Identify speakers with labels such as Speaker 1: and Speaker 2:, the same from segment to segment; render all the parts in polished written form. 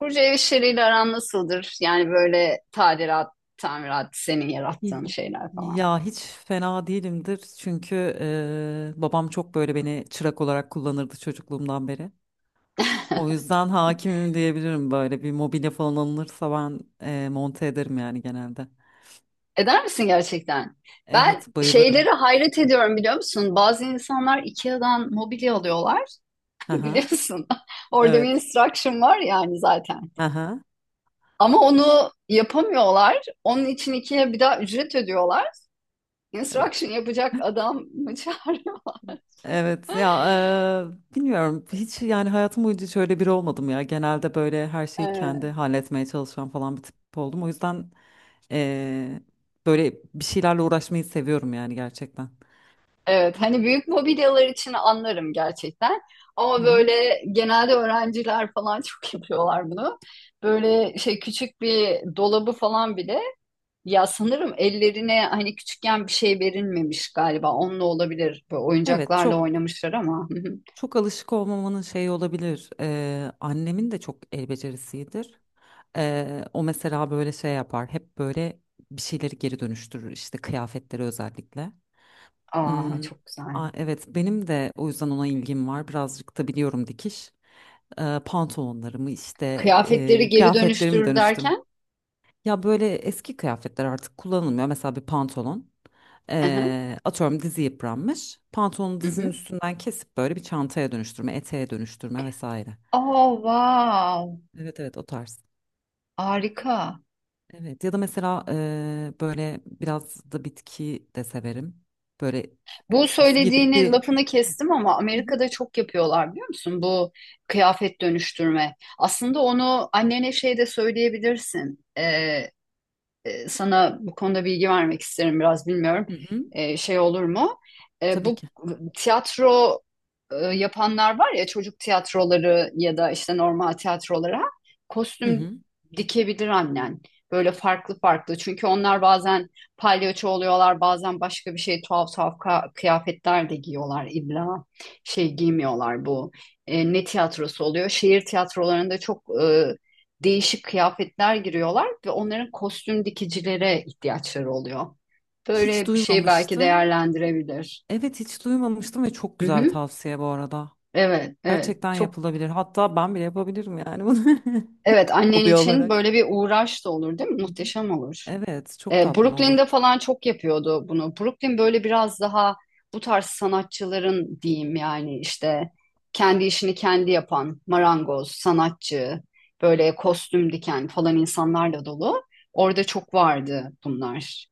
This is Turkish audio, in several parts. Speaker 1: Burcu ev işleriyle aran nasıldır? Yani böyle tadilat, tamirat, senin
Speaker 2: Y-
Speaker 1: yarattığın şeyler falan.
Speaker 2: Ya hiç fena değilimdir çünkü babam çok böyle beni çırak olarak kullanırdı çocukluğumdan beri. O yüzden hakimim diyebilirim böyle bir mobilya falan alınırsa ben monte ederim yani genelde.
Speaker 1: Eder misin gerçekten? Ben
Speaker 2: Evet bayılırım.
Speaker 1: şeylere hayret ediyorum biliyor musun? Bazı insanlar IKEA'dan mobilya alıyorlar
Speaker 2: Aha,
Speaker 1: biliyorsun. Orada bir
Speaker 2: evet.
Speaker 1: instruction var yani zaten.
Speaker 2: Aha,
Speaker 1: Ama onu yapamıyorlar. Onun için IKEA bir daha ücret ödüyorlar.
Speaker 2: evet.
Speaker 1: Instruction yapacak adam mı çağırıyorlar?
Speaker 2: Evet ya, bilmiyorum hiç yani hayatım boyunca hiç öyle biri olmadım ya. Genelde böyle her şeyi kendi
Speaker 1: Ee,
Speaker 2: halletmeye çalışan falan bir tip oldum. O yüzden e, böyle bir şeylerle uğraşmayı seviyorum yani gerçekten.
Speaker 1: Evet, hani büyük mobilyalar için anlarım gerçekten.
Speaker 2: Hı
Speaker 1: Ama
Speaker 2: hı.
Speaker 1: böyle genelde öğrenciler falan çok yapıyorlar bunu. Böyle şey küçük bir dolabı falan bile ya sanırım ellerine hani küçükken bir şey verilmemiş galiba. Onunla olabilir. Böyle
Speaker 2: Evet,
Speaker 1: oyuncaklarla
Speaker 2: çok
Speaker 1: oynamışlar ama. Hı hı.
Speaker 2: çok alışık olmamanın şeyi olabilir. Annemin de çok el becerisidir. O mesela böyle şey yapar. Hep böyle bir şeyleri geri dönüştürür işte, kıyafetleri özellikle.
Speaker 1: Aa
Speaker 2: Hmm,
Speaker 1: çok güzel.
Speaker 2: evet benim de o yüzden ona ilgim var. Birazcık da biliyorum dikiş. Pantolonlarımı işte,
Speaker 1: Kıyafetleri geri
Speaker 2: kıyafetlerimi
Speaker 1: dönüştürür
Speaker 2: dönüştürme.
Speaker 1: derken.
Speaker 2: Ya böyle eski kıyafetler artık kullanılmıyor. Mesela bir pantolon.
Speaker 1: Hı hı,
Speaker 2: Atıyorum dizi yıpranmış. Pantolonu
Speaker 1: hı
Speaker 2: dizinin
Speaker 1: hı.
Speaker 2: üstünden kesip böyle bir çantaya dönüştürme, eteğe dönüştürme vesaire.
Speaker 1: Aa wow.
Speaker 2: Evet evet, o tarz.
Speaker 1: Harika.
Speaker 2: Evet ya da mesela böyle biraz da bitki de severim. Böyle
Speaker 1: Bu
Speaker 2: gidip
Speaker 1: söylediğini
Speaker 2: bir.
Speaker 1: lafını kestim ama
Speaker 2: Hı hı.
Speaker 1: Amerika'da çok yapıyorlar biliyor musun? Bu kıyafet dönüştürme. Aslında onu annene şey de söyleyebilirsin. Sana bu konuda bilgi vermek isterim biraz bilmiyorum
Speaker 2: Hı hı,
Speaker 1: şey olur mu?
Speaker 2: tabii
Speaker 1: Bu
Speaker 2: ki.
Speaker 1: tiyatro yapanlar var ya çocuk tiyatroları ya da işte normal tiyatrolara
Speaker 2: Hı
Speaker 1: kostüm
Speaker 2: hı.
Speaker 1: dikebilir annen. Böyle farklı farklı çünkü onlar bazen palyaço oluyorlar bazen başka bir şey tuhaf tuhaf kıyafetler de giyiyorlar illa şey giymiyorlar bu ne tiyatrosu oluyor şehir tiyatrolarında çok değişik kıyafetler giriyorlar ve onların kostüm dikicilere ihtiyaçları oluyor.
Speaker 2: Hiç
Speaker 1: Böyle bir şeyi belki
Speaker 2: duymamıştım.
Speaker 1: değerlendirebilir.
Speaker 2: Evet hiç duymamıştım ve çok
Speaker 1: Hı
Speaker 2: güzel bir
Speaker 1: hı.
Speaker 2: tavsiye bu arada.
Speaker 1: Evet, evet.
Speaker 2: Gerçekten
Speaker 1: Çok
Speaker 2: yapılabilir. Hatta ben bile yapabilirim yani bunu
Speaker 1: evet annen
Speaker 2: hobi
Speaker 1: için
Speaker 2: olarak.
Speaker 1: böyle bir uğraş da olur değil mi? Muhteşem olur.
Speaker 2: Evet, çok tatlı olur.
Speaker 1: Brooklyn'de falan çok yapıyordu bunu. Brooklyn böyle biraz daha bu tarz sanatçıların diyeyim yani işte kendi işini kendi yapan marangoz, sanatçı, böyle kostüm diken falan insanlarla dolu. Orada çok vardı bunlar.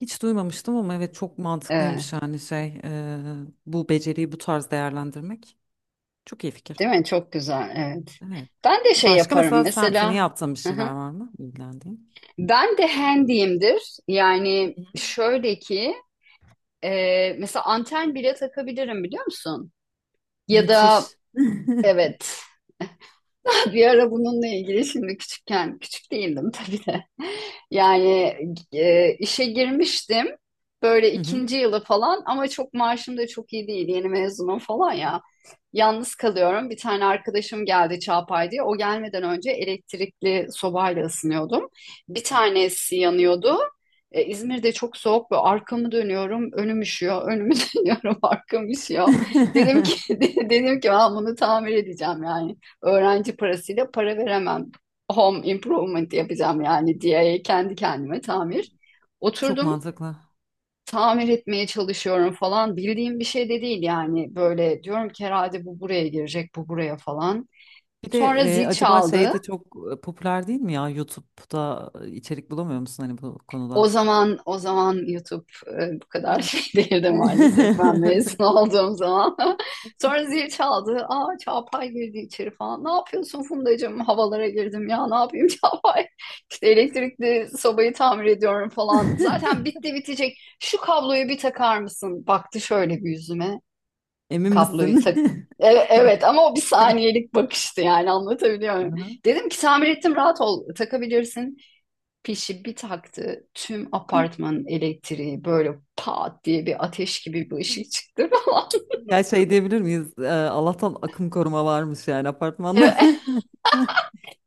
Speaker 2: Hiç duymamıştım ama evet çok
Speaker 1: Ee,
Speaker 2: mantıklıymış yani şey, bu beceriyi bu tarz değerlendirmek. Çok iyi fikir.
Speaker 1: Değil mi? Çok güzel. Evet.
Speaker 2: Evet.
Speaker 1: Ben de şey
Speaker 2: Başka
Speaker 1: yaparım
Speaker 2: mesela sen seni
Speaker 1: mesela.
Speaker 2: yaptığın bir
Speaker 1: Hı
Speaker 2: şeyler
Speaker 1: hı.
Speaker 2: var mı ilgilendiğin?
Speaker 1: Ben de handyimdir. Yani
Speaker 2: Hı.
Speaker 1: şöyle ki mesela anten bile takabilirim biliyor musun? Ya da
Speaker 2: Müthiş.
Speaker 1: evet. Bir ara bununla ilgili şimdi küçükken, küçük değildim tabii de. Yani işe girmiştim böyle
Speaker 2: Hı hı.
Speaker 1: ikinci yılı falan ama çok maaşım da çok iyi değil. Yeni mezunum falan ya. Yalnız kalıyorum. Bir tane arkadaşım geldi Çağpay diye. O gelmeden önce elektrikli sobayla ısınıyordum. Bir tanesi yanıyordu. İzmir'de çok soğuk ve arkamı dönüyorum, önüm üşüyor, önümü dönüyorum, arkam üşüyor. Dedim ki dedim ki ben bunu tamir edeceğim yani öğrenci parasıyla para veremem. Home improvement yapacağım yani diye kendi kendime tamir.
Speaker 2: Çok
Speaker 1: Oturdum
Speaker 2: mantıklı.
Speaker 1: tamir etmeye çalışıyorum falan. Bildiğim bir şey de değil yani. Böyle diyorum ki herhalde bu buraya girecek, bu buraya falan.
Speaker 2: Bir de,
Speaker 1: Sonra zil
Speaker 2: acaba şey
Speaker 1: çaldı.
Speaker 2: de çok popüler değil mi ya? YouTube'da içerik bulamıyor musun hani bu
Speaker 1: O
Speaker 2: konuda?
Speaker 1: zaman o zaman YouTube bu kadar
Speaker 2: Ha.
Speaker 1: şey değildi maalesef. Ben mezun olduğum zaman. Sonra zil çaldı. Aa Çağatay girdi içeri falan. Ne yapıyorsun Fundacığım? Havalara girdim ya. Ne yapayım Çağatay? İşte elektrikli sobayı tamir ediyorum falan. Zaten bitti bitecek. Şu kabloyu bir takar mısın? Baktı şöyle bir yüzüme.
Speaker 2: Emin
Speaker 1: Kabloyu tak.
Speaker 2: misin?
Speaker 1: Evet, evet ama o bir saniyelik bakıştı yani anlatabiliyor muyum?
Speaker 2: Aha.
Speaker 1: Dedim ki tamir ettim rahat ol takabilirsin. Pişi bir taktı tüm apartmanın elektriği böyle pat diye bir ateş gibi bir ışık çıktı falan.
Speaker 2: Ya şey diyebilir miyiz? Allah'tan akım koruma varmış yani apartmanda.
Speaker 1: Evet,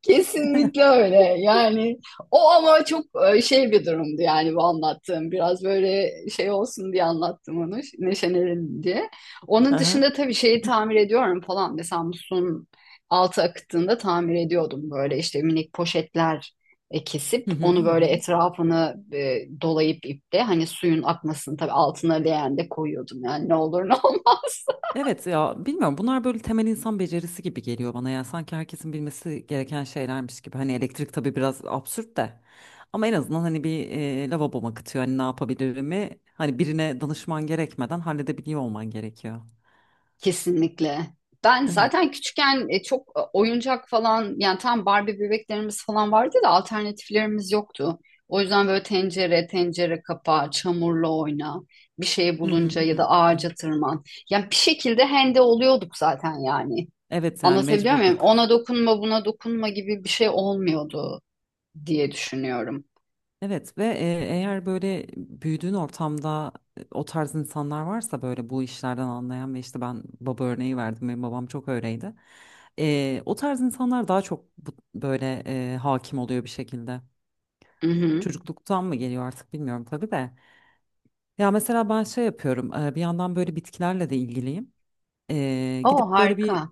Speaker 1: kesinlikle öyle. Yani o ama çok şey bir durumdu yani bu anlattığım. Biraz böyle şey olsun diye anlattım onu, neşelenelim diye. Onun
Speaker 2: Aha.
Speaker 1: dışında tabii şeyi tamir ediyorum falan. Mesela musluğun altı akıttığında tamir ediyordum. Böyle işte minik poşetler kesip
Speaker 2: Hı hı,
Speaker 1: onu
Speaker 2: hı
Speaker 1: böyle
Speaker 2: hı.
Speaker 1: etrafını dolayıp iple hani suyun akmasını tabii altına leğen de koyuyordum. Yani ne olur ne olmaz.
Speaker 2: Evet ya bilmiyorum, bunlar böyle temel insan becerisi gibi geliyor bana ya, sanki herkesin bilmesi gereken şeylermiş gibi. Hani elektrik tabii biraz absürt de, ama en azından hani bir, lavaboma kıtıyor hani ne yapabilirimi, hani birine danışman gerekmeden halledebiliyor olman gerekiyor.
Speaker 1: Kesinlikle. Ben
Speaker 2: Evet.
Speaker 1: zaten küçükken çok oyuncak falan yani tam Barbie bebeklerimiz falan vardı da alternatiflerimiz yoktu. O yüzden böyle tencere, tencere kapağı, çamurla oyna, bir şey
Speaker 2: Hı hı,
Speaker 1: bulunca
Speaker 2: hı
Speaker 1: ya
Speaker 2: hı,
Speaker 1: da ağaca
Speaker 2: hı.
Speaker 1: tırman. Yani bir şekilde hende oluyorduk zaten yani.
Speaker 2: Evet yani
Speaker 1: Anlatabiliyor muyum?
Speaker 2: mecburduk.
Speaker 1: Ona dokunma, buna dokunma gibi bir şey olmuyordu diye düşünüyorum.
Speaker 2: Evet ve, eğer böyle büyüdüğün ortamda o tarz insanlar varsa böyle, bu işlerden anlayan, ve işte ben baba örneği verdim, benim babam çok öyleydi. E, o tarz insanlar daha çok böyle hakim oluyor bir şekilde.
Speaker 1: Hı hı.
Speaker 2: Çocukluktan mı geliyor artık bilmiyorum tabii de. Ya mesela ben şey yapıyorum, bir yandan böyle bitkilerle de ilgiliyim. E,
Speaker 1: O
Speaker 2: gidip böyle bir
Speaker 1: harika.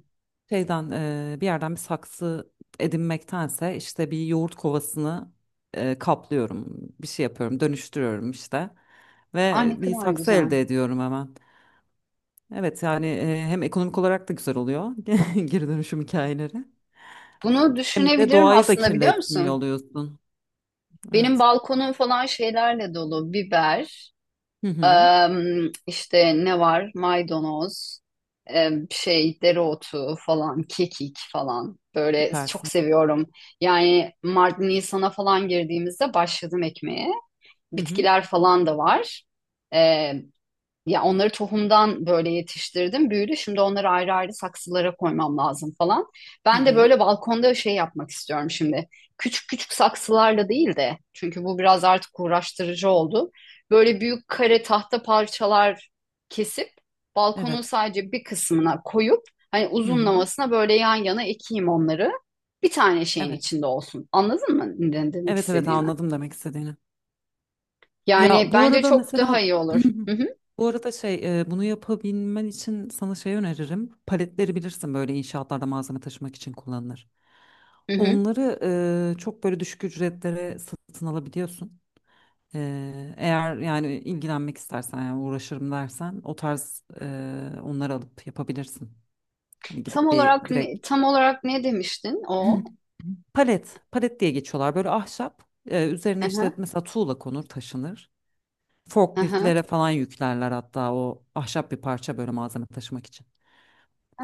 Speaker 2: şeyden, bir yerden bir saksı edinmektense işte bir yoğurt kovasını kaplıyorum. Bir şey yapıyorum, dönüştürüyorum işte.
Speaker 1: Aa,
Speaker 2: Ve
Speaker 1: ne
Speaker 2: bir
Speaker 1: kadar
Speaker 2: saksı
Speaker 1: güzel.
Speaker 2: elde ediyorum hemen. Evet yani, hem ekonomik olarak da güzel oluyor geri dönüşüm hikayeleri.
Speaker 1: Bunu
Speaker 2: Hem de
Speaker 1: düşünebilirim
Speaker 2: doğayı da
Speaker 1: aslında biliyor
Speaker 2: kirletmiyor
Speaker 1: musun?
Speaker 2: oluyorsun.
Speaker 1: Benim
Speaker 2: Evet.
Speaker 1: balkonum falan şeylerle dolu. Biber,
Speaker 2: Hı hı.
Speaker 1: em, işte ne var? Maydanoz, em, şey dereotu falan, kekik falan. Böyle çok
Speaker 2: Süpersin.
Speaker 1: seviyorum. Yani Mart Nisan'a falan girdiğimizde başladım ekmeğe.
Speaker 2: Hı hı.
Speaker 1: Bitkiler falan da var. Ya onları tohumdan böyle yetiştirdim, büyüdü. Şimdi onları ayrı ayrı saksılara koymam lazım falan.
Speaker 2: Hı
Speaker 1: Ben de
Speaker 2: hı.
Speaker 1: böyle balkonda şey yapmak istiyorum şimdi. Küçük küçük saksılarla değil de çünkü bu biraz artık uğraştırıcı oldu. Böyle büyük kare tahta parçalar kesip balkonun
Speaker 2: Evet.
Speaker 1: sadece bir kısmına koyup hani
Speaker 2: Hı hı.
Speaker 1: uzunlamasına böyle yan yana ekeyim onları. Bir tane şeyin
Speaker 2: Evet.
Speaker 1: içinde olsun. Anladın mı ne demek
Speaker 2: Evet evet,
Speaker 1: istediğimi?
Speaker 2: anladım demek istediğini.
Speaker 1: Yani
Speaker 2: Ya bu
Speaker 1: bence
Speaker 2: arada
Speaker 1: çok daha
Speaker 2: mesela
Speaker 1: iyi olur. Hı hı.
Speaker 2: bu arada şey, bunu yapabilmen için sana şey öneririm. Paletleri bilirsin, böyle inşaatlarda malzeme taşımak için kullanılır.
Speaker 1: Hı hı.
Speaker 2: Onları çok böyle düşük ücretlere satın alabiliyorsun. E, eğer yani ilgilenmek istersen, yani uğraşırım dersen o tarz, onları alıp yapabilirsin. Hani gidip bir direkt,
Speaker 1: Tam olarak ne demiştin o?
Speaker 2: palet palet diye geçiyorlar, böyle ahşap, üzerine işte
Speaker 1: Aha,
Speaker 2: mesela tuğla konur taşınır.
Speaker 1: aha.
Speaker 2: Forkliftlere falan yüklerler hatta, o ahşap bir parça böyle malzeme taşımak için.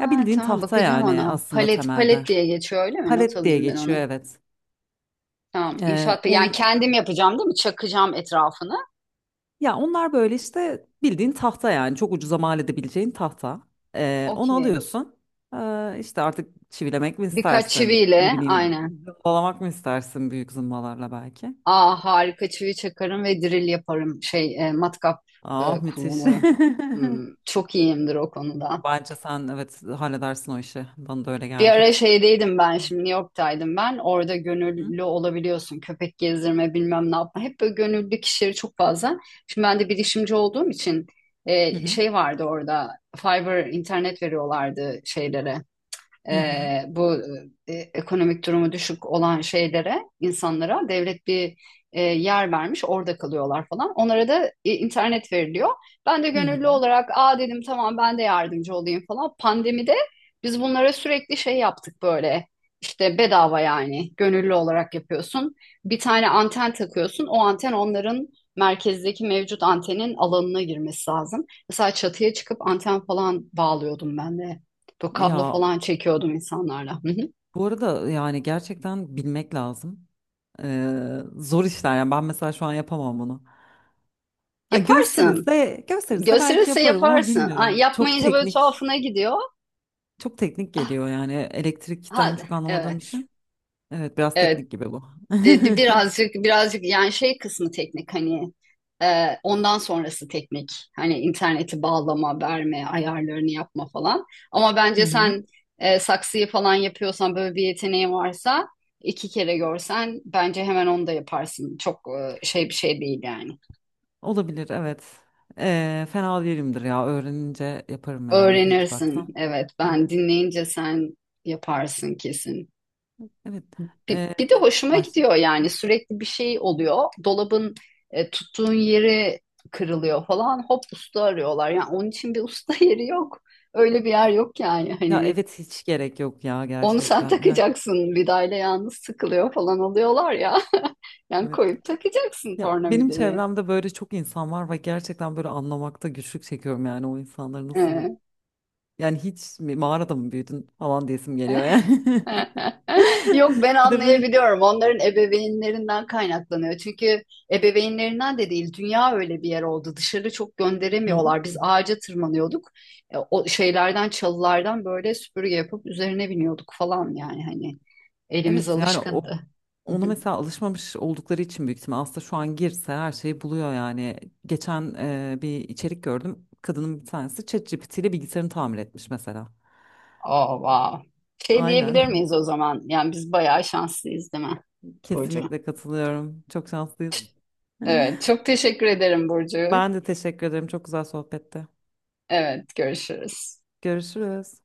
Speaker 2: Ya bildiğin
Speaker 1: tamam
Speaker 2: tahta
Speaker 1: bakacağım
Speaker 2: yani
Speaker 1: ona.
Speaker 2: aslında
Speaker 1: Palet palet
Speaker 2: temelde.
Speaker 1: diye geçiyor öyle mi? Not
Speaker 2: Palet diye
Speaker 1: alayım ben
Speaker 2: geçiyor,
Speaker 1: onu.
Speaker 2: evet.
Speaker 1: Tamam
Speaker 2: Ee,
Speaker 1: inşaat yani
Speaker 2: on,
Speaker 1: kendim yapacağım değil mi? Çakacağım etrafını.
Speaker 2: ya onlar böyle işte bildiğin tahta yani, çok ucuza mal edebileceğin tahta. Onu
Speaker 1: Okey.
Speaker 2: alıyorsun. İşte artık çivilemek mi
Speaker 1: Birkaç
Speaker 2: istersin? Ne
Speaker 1: çiviyle
Speaker 2: bileyim,
Speaker 1: aynen.
Speaker 2: zımbalamak mı istersin büyük zımbalarla belki?
Speaker 1: Aa harika çivi çakarım ve drill yaparım. Şey matkap
Speaker 2: Ah, müthiş.
Speaker 1: kullanırım. Hmm, çok iyiyimdir o konuda.
Speaker 2: Bence sen, evet, halledersin o işi. Bana da öyle
Speaker 1: Bir
Speaker 2: geldi.
Speaker 1: ara şeydeydim ben şimdi New York'taydım ben. Orada
Speaker 2: Hı hı.
Speaker 1: gönüllü olabiliyorsun. Köpek gezdirme bilmem ne yapma. Hep böyle gönüllü kişileri çok fazla. Şimdi ben de bilişimci olduğum için
Speaker 2: Hı hı.
Speaker 1: şey vardı orada. Fiber internet veriyorlardı şeylere e,
Speaker 2: Hı hı.
Speaker 1: bu ekonomik durumu düşük olan şeylere, insanlara devlet bir yer vermiş, orada kalıyorlar falan. Onlara da internet veriliyor. Ben de
Speaker 2: Hı hı.
Speaker 1: gönüllü olarak, aa dedim tamam ben de yardımcı olayım falan. Pandemide biz bunlara sürekli şey yaptık böyle. İşte bedava yani gönüllü olarak yapıyorsun. Bir tane anten takıyorsun. O anten onların merkezdeki mevcut antenin alanına girmesi lazım. Mesela çatıya çıkıp anten falan bağlıyordum ben de bu kablo
Speaker 2: Ya
Speaker 1: falan çekiyordum insanlarla. Hı hı.
Speaker 2: bu arada yani gerçekten bilmek lazım. Zor işler yani, ben mesela şu an yapamam bunu. Ha,
Speaker 1: Yaparsın.
Speaker 2: gösterilse belki
Speaker 1: Gösterirse
Speaker 2: yaparım ama
Speaker 1: yaparsın. Ha,
Speaker 2: bilmiyorum. Çok
Speaker 1: yapmayınca böyle
Speaker 2: teknik,
Speaker 1: tuhafına gidiyor.
Speaker 2: çok teknik
Speaker 1: Ah,
Speaker 2: geliyor yani, elektrikten
Speaker 1: hadi.
Speaker 2: çok anlamadığım
Speaker 1: Evet.
Speaker 2: için. Evet biraz
Speaker 1: Evet.
Speaker 2: teknik gibi bu.
Speaker 1: Birazcık yani şey kısmı teknik hani ondan sonrası teknik. Hani interneti bağlama, verme, ayarlarını yapma falan. Ama
Speaker 2: Hı
Speaker 1: bence
Speaker 2: hı.
Speaker 1: sen saksıyı falan yapıyorsan böyle bir yeteneğin varsa iki kere görsen bence hemen onu da yaparsın. Çok şey bir şey değil yani.
Speaker 2: Olabilir evet. Fena değilimdir ya, öğrenince yaparım yani bir iki
Speaker 1: Öğrenirsin.
Speaker 2: baksam.
Speaker 1: Evet,
Speaker 2: Hı hı.
Speaker 1: ben dinleyince sen yaparsın kesin.
Speaker 2: Evet.
Speaker 1: Bir,
Speaker 2: Ee,
Speaker 1: bir de hoşuma
Speaker 2: baş...
Speaker 1: gidiyor yani sürekli bir şey oluyor. Dolabın tuttuğun yeri kırılıyor falan. Hop usta arıyorlar. Yani onun için bir usta yeri yok. Öyle bir yer yok yani.
Speaker 2: Ya
Speaker 1: Hani
Speaker 2: evet hiç gerek yok ya
Speaker 1: onu sen
Speaker 2: gerçekten. Yani,
Speaker 1: takacaksın. Vidayla yalnız sıkılıyor falan oluyorlar ya. Yani
Speaker 2: evet.
Speaker 1: koyup takacaksın
Speaker 2: Ya benim
Speaker 1: tornavidayı.
Speaker 2: çevremde böyle çok insan var ve gerçekten böyle anlamakta güçlük çekiyorum yani o insanları nasıl,
Speaker 1: Ee,
Speaker 2: yani hiç mi, mağarada mı büyüdün falan diyesim
Speaker 1: e?
Speaker 2: geliyor yani.
Speaker 1: Yok ben
Speaker 2: Bir de böyle.
Speaker 1: anlayabiliyorum. Onların ebeveynlerinden kaynaklanıyor. Çünkü ebeveynlerinden de değil, dünya öyle bir yer oldu. Dışarı çok
Speaker 2: Hı hı.
Speaker 1: gönderemiyorlar. Biz ağaca tırmanıyorduk. E, o şeylerden, çalılardan böyle süpürge yapıp üzerine biniyorduk falan yani hani elimiz
Speaker 2: Evet yani o,
Speaker 1: alışkındı.
Speaker 2: onu mesela alışmamış oldukları için büyük ihtimal, aslında şu an girse her şeyi buluyor yani. Geçen bir içerik gördüm. Kadının bir tanesi ChatGPT ile bilgisayarını tamir etmiş mesela.
Speaker 1: Oh, wow. Şey diyebilir
Speaker 2: Aynen.
Speaker 1: miyiz o zaman? Yani biz bayağı şanslıyız değil mi Burcu?
Speaker 2: Kesinlikle katılıyorum. Çok şanslıyız.
Speaker 1: Evet, çok teşekkür ederim Burcu.
Speaker 2: Ben de teşekkür ederim. Çok güzel sohbette.
Speaker 1: Evet, görüşürüz.
Speaker 2: Görüşürüz.